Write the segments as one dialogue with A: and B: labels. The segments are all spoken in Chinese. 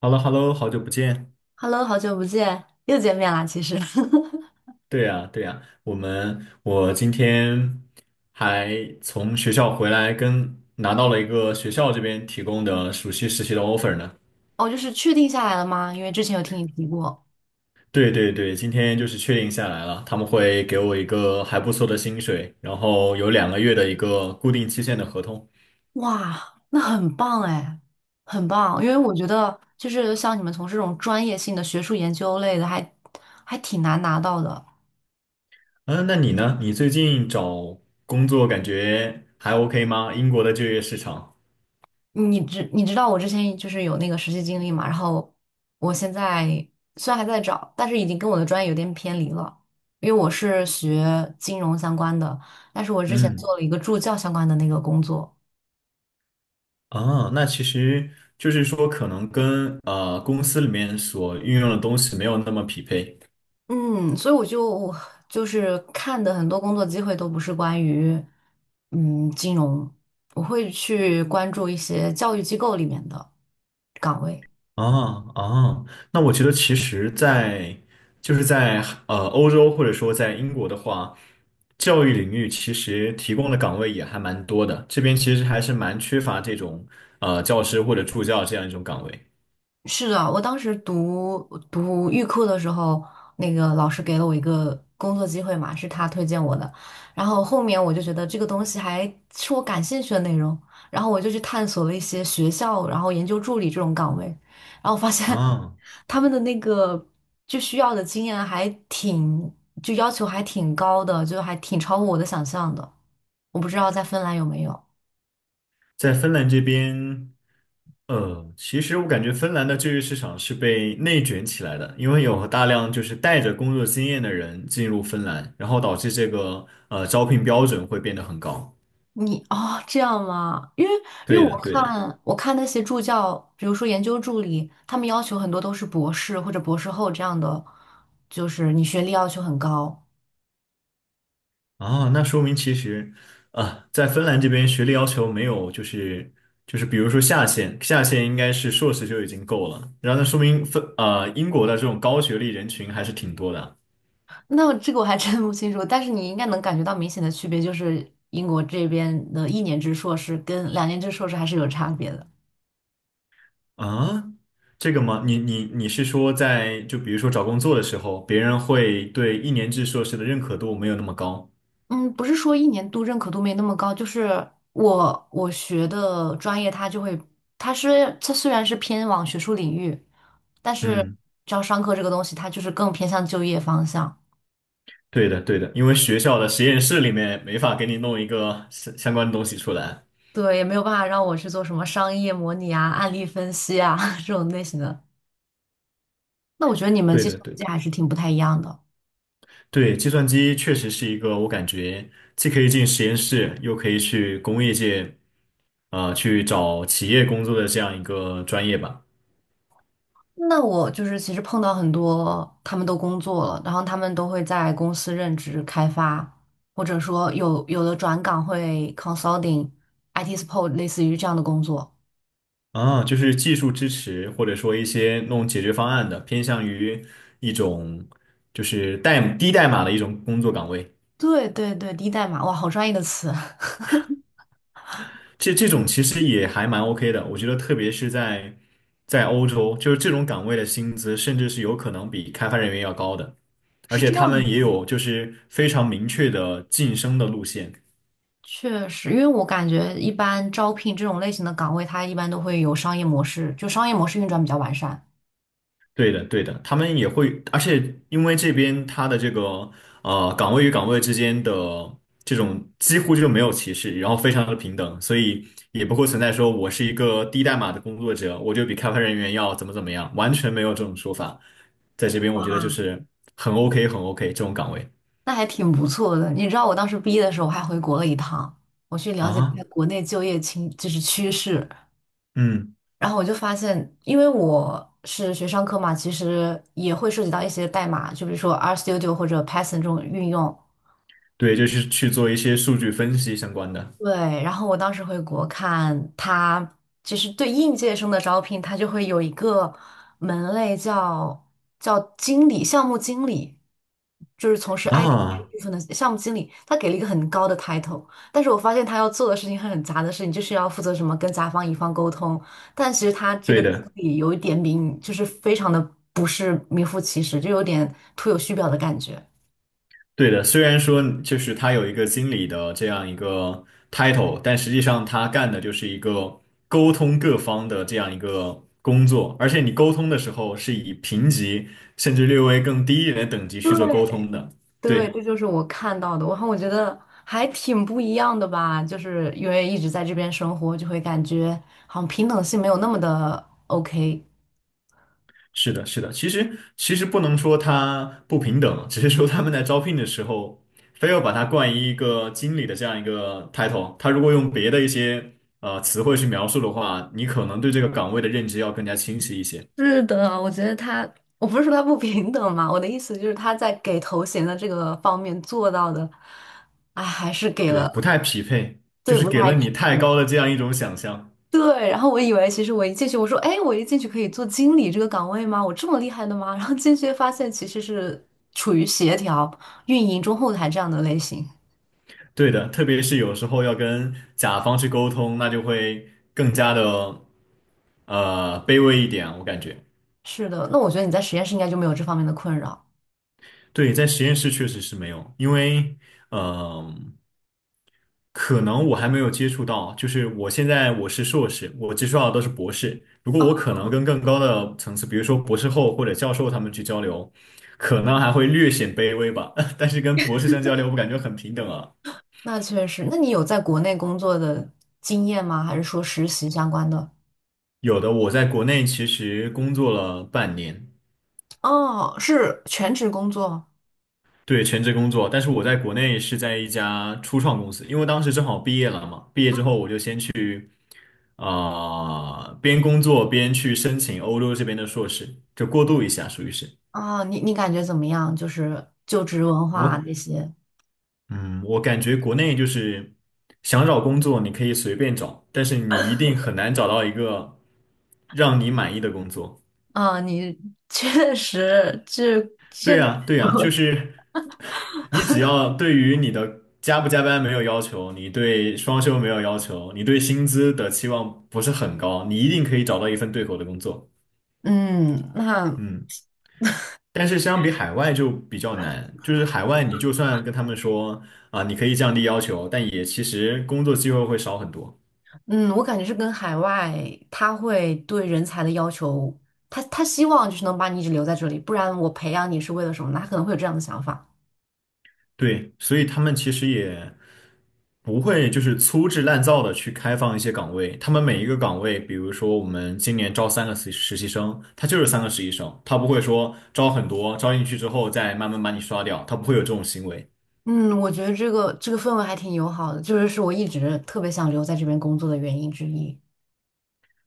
A: h e l l o h e l l o 好久不见。
B: Hello，好久不见，又见面啦。其实，
A: 对呀，对呀，我今天还从学校回来跟，拿到了一个学校这边提供的暑期实习的 offer 呢。
B: 哦，就是确定下来了吗？因为之前有听你提过。
A: 对对对，今天就是确定下来了，他们会给我一个还不错的薪水，然后有2个月的一个固定期限的合同。
B: 哇，那很棒哎，很棒。因为我觉得，就是像你们从事这种专业性的学术研究类的还挺难拿到的。
A: 嗯，那你呢？你最近找工作感觉还 OK 吗？英国的就业市场？
B: 你知道我之前就是有那个实习经历嘛，然后我现在虽然还在找，但是已经跟我的专业有点偏离了，因为我是学金融相关的，但是我之前
A: 嗯。
B: 做了一个助教相关的那个工作。
A: 啊，那其实就是说，可能跟公司里面所运用的东西没有那么匹配。
B: 嗯，所以我就是看的很多工作机会都不是关于金融，我会去关注一些教育机构里面的岗位。
A: 啊啊，那我觉得其实在，就是在欧洲或者说在英国的话，教育领域其实提供的岗位也还蛮多的。这边其实还是蛮缺乏这种教师或者助教这样一种岗位。
B: 是的，我当时读预科的时候，那个老师给了我一个工作机会嘛，是他推荐我的。然后后面我就觉得这个东西还是我感兴趣的内容，然后我就去探索了一些学校，然后研究助理这种岗位，然后发现
A: 啊，
B: 他们的那个就需要的经验就要求还挺高的，就还挺超乎我的想象的。我不知道在芬兰有没有。
A: 在芬兰这边。其实我感觉芬兰的就业市场是被内卷起来的，因为有大量就是带着工作经验的人进入芬兰，然后导致这个招聘标准会变得很高。
B: 哦，这样吗？因为
A: 对
B: 我
A: 的，对的。
B: 看我看那些助教，比如说研究助理，他们要求很多都是博士或者博士后这样的，就是你学历要求很高。
A: 啊，那说明其实啊，在芬兰这边学历要求没有就是比如说下限，下限应该是硕士就已经够了，然后那说明英国的这种高学历人群还是挺多的。
B: 那这个我还真不清楚，但是你应该能感觉到明显的区别，就是英国这边的一年制硕士跟两年制硕士还是有差别的。
A: 啊，这个吗？你是说在就比如说找工作的时候，别人会对一年制硕士的认可度没有那么高？
B: 嗯，不是说一年度认可度没那么高，就是我学的专业，它就会，它是它虽然是偏往学术领域，但是
A: 嗯，
B: 招商科这个东西，它就是更偏向就业方向，
A: 对的对的，因为学校的实验室里面没法给你弄一个相关的东西出来。
B: 对，也没有办法让我去做什么商业模拟啊、案例分析啊 这种类型的。那我觉得你们
A: 对
B: 计
A: 的
B: 算
A: 对
B: 机
A: 的，
B: 还是挺不太一样的。
A: 对，计算机确实是一个我感觉既可以进实验室，又可以去工业界，去找企业工作的这样一个专业吧。
B: 那我就是其实碰到很多，他们都工作了，然后他们都会在公司任职开发，或者说有的转岗会 consulting、IT support，类似于这样的工作。
A: 啊，就是技术支持，或者说一些弄解决方案的，偏向于一种就是低代码的一种工作岗位。
B: 对对对，低代码，哇，好专业的词，
A: 这种其实也还蛮 OK 的，我觉得特别是在欧洲，就是这种岗位的薪资甚至是有可能比开发人员要高的，而
B: 是
A: 且
B: 这样
A: 他
B: 的
A: 们也
B: 吗。
A: 有就是非常明确的晋升的路线。
B: 确实，因为我感觉一般招聘这种类型的岗位，它一般都会有商业模式，就商业模式运转比较完善。
A: 对的，对的，他们也会，而且因为这边他的这个岗位与岗位之间的这种几乎就没有歧视，然后非常的平等，所以也不会存在说我是一个低代码的工作者，我就比开发人员要怎么怎么样，完全没有这种说法。在这边我觉得就
B: 哇，
A: 是很 OK，很 OK 这种岗位
B: 那还挺不错的。你知道我当时毕业的时候，我还回国了一趟，我去了解一下
A: 啊，
B: 国内就业情，就是趋势。
A: 嗯，
B: 然后我就发现，因为我是学商科嘛，其实也会涉及到一些代码，就比如说 RStudio 或者 Python 这种运用。
A: 对，就是去做一些数据分析相关的
B: 对，然后我当时回国看他，其实对应届生的招聘，他就会有一个门类叫经理、项目经理，就是从事 IT
A: 啊，
B: 部分的项目经理，他给了一个很高的 title，但是我发现他要做的事情很杂的事情，就是要负责什么跟甲方乙方沟通，但其实他这个
A: 对
B: 经
A: 的。
B: 理有一点名，就是非常的不是名副其实，就有点徒有虚表的感觉。
A: 对的，虽然说就是他有一个经理的这样一个 title，但实际上他干的就是一个沟通各方的这样一个工作，而且你沟通的时候是以评级甚至略微更低一点的等级去做沟
B: 对，
A: 通的。
B: 对，这
A: 对，
B: 就是我看到的，然后我觉得还挺不一样的吧，就是因为一直在这边生活，就会感觉好像平等性没有那么的 OK。
A: 是的，是的。其实不能说他不平等，只是说他们在招聘的时候非要把他冠以一个经理的这样一个 title，他如果用别的一些词汇去描述的话，你可能对这个岗位的认知要更加清晰一些。
B: 是的，我觉得他，我不是说他不平等嘛，我的意思就是他在给头衔的这个方面做到的，哎，还是给
A: 对，
B: 了，
A: 不太匹配，就
B: 对，
A: 是
B: 不
A: 给
B: 太
A: 了你
B: 匹
A: 太
B: 配。
A: 高的这样一种想象。
B: 对，然后我以为其实我一进去，我说，哎，我一进去可以做经理这个岗位吗？我这么厉害的吗？然后进去发现其实是处于协调、运营、中后台这样的类型。
A: 对的，特别是有时候要跟甲方去沟通，那就会更加的卑微一点啊，我感觉。
B: 是的，那我觉得你在实验室应该就没有这方面的困扰。
A: 对，在实验室确实是没有，因为嗯、呃可能我还没有接触到，就是我现在是硕士，我接触到的都是博士。如果我可能跟更高的层次，比如说博士后或者教授他们去交流，可能还会略显卑微吧，但是跟博士生交流，我感觉很平等啊。
B: 那确实，那你有在国内工作的经验吗？还是说实习相关的？
A: 有的，我在国内其实工作了半年，
B: 哦，是全职工作
A: 对，全职工作。但是我在国内是在一家初创公司，因为当时正好毕业了嘛，毕业之后我就先去啊、边工作边去申请欧洲这边的硕士，就过渡一下，属于是。
B: 啊，你感觉怎么样？就是就职文化
A: 我，
B: 那些
A: 嗯，我感觉国内就是想找工作你可以随便找，但是你一定很难找到一个让你满意的工作。
B: 啊，你 确实
A: 对呀，对呀，就是你只要对于你的加不加班没有要求，你对双休没有要求，你对薪资的期望不是很高，你一定可以找到一份对口的工作。
B: 嗯，那
A: 嗯，但是相比海外就比较难，就是海外你就算跟他们说啊，你可以降低要求，但也其实工作机会会少很多。
B: 嗯，我感觉是跟海外，他会对人才的要求，他希望就是能把你一直留在这里，不然我培养你是为了什么呢？他可能会有这样的想法。
A: 对，所以他们其实也不会就是粗制滥造的去开放一些岗位，他们每一个岗位，比如说我们今年招三个实习生，他就是三个实习生，他不会说招很多，招进去之后再慢慢把你刷掉，他不会有这种行为
B: 嗯，我觉得这个氛围还挺友好的，就是我一直特别想留在这边工作的原因之一。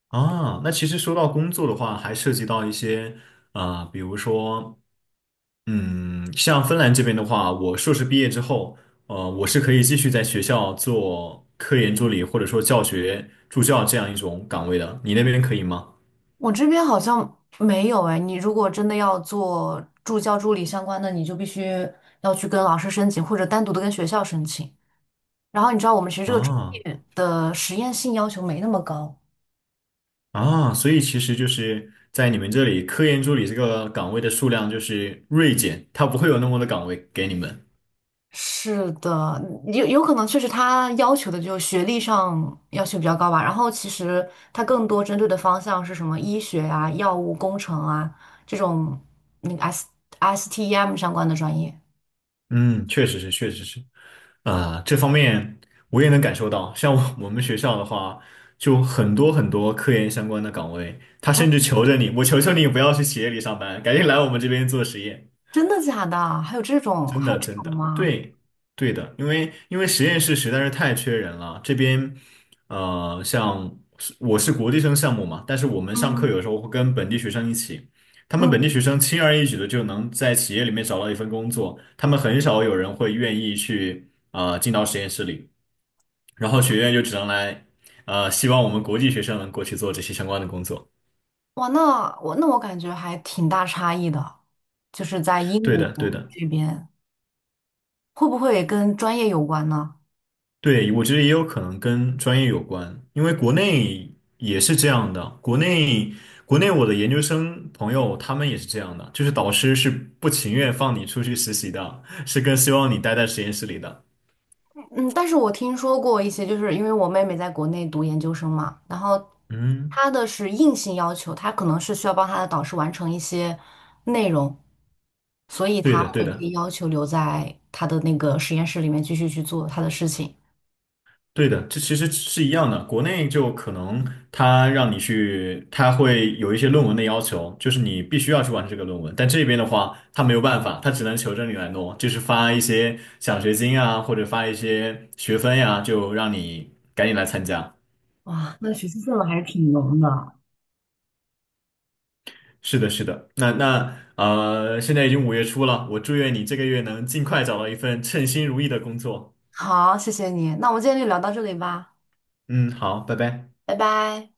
A: 啊。那其实说到工作的话，还涉及到一些比如说嗯，像芬兰这边的话，我硕士毕业之后，我是可以继续在学校做科研助理，或者说教学助教这样一种岗位的。你那边可以吗？
B: 我这边好像没有哎，你如果真的要做助教助理相关的，你就必须要去跟老师申请，或者单独的跟学校申请。然后你知道我们其实这个专
A: 啊
B: 业的实验性要求没那么高。
A: 啊，所以其实就是在你们这里，科研助理这个岗位的数量就是锐减，它不会有那么多的岗位给你们。
B: 是的，有可能确实他要求的就是学历上要求比较高吧，然后其实他更多针对的方向是什么医学啊、药物工程啊这种那个 STEM 相关的专业。
A: 嗯，确实是，确实是，这方面我也能感受到。像我 我们学校的话，就很多很多科研相关的岗位，他甚至
B: 嗯，
A: 求着你，我求求你不要去企业里上班，赶紧来我们这边做实验。
B: 真的假的？还有这种
A: 真
B: 还有
A: 的，
B: 这
A: 真
B: 种
A: 的，
B: 吗？
A: 对，对的，因为实验室实在是太缺人了。这边，像是我是国际生项目嘛，但是我们上
B: 嗯
A: 课有时候会跟本地学生一起，他们本地
B: 嗯，
A: 学生轻而易举的就能在企业里面找到一份工作，他们很少有人会愿意去进到实验室里，然后学院就只能来，希望我们国际学生能过去做这些相关的工作。
B: 哇，那我感觉还挺大差异的，就是在英
A: 对
B: 国
A: 的，对的。
B: 这边会不会跟专业有关呢？
A: 对，我觉得也有可能跟专业有关，因为国内也是这样的。国内我的研究生朋友他们也是这样的，就是导师是不情愿放你出去实习的，是更希望你待在实验室里的。
B: 嗯，但是我听说过一些，就是因为我妹妹在国内读研究生嘛，然后
A: 嗯，
B: 她的是硬性要求，她可能是需要帮她的导师完成一些内容，所以
A: 对
B: 她
A: 的，对
B: 会被
A: 的。
B: 要求留在她的那个实验室里面继续去做她的事情。
A: 对的，这其实是一样的。国内就可能他让你去，他会有一些论文的要求，就是你必须要去完成这个论文。但这边的话，他没有办法，他只能求着你来弄，就是发一些奖学金啊，或者发一些学分呀、就让你赶紧来参加。
B: 哇，那学习氛围还是挺浓的。
A: 是的，是的。那，现在已经5月初了，我祝愿你这个月能尽快找到一份称心如意的工作。
B: 好，谢谢你，那我们今天就聊到这里吧，
A: 嗯，好，拜拜。
B: 拜拜。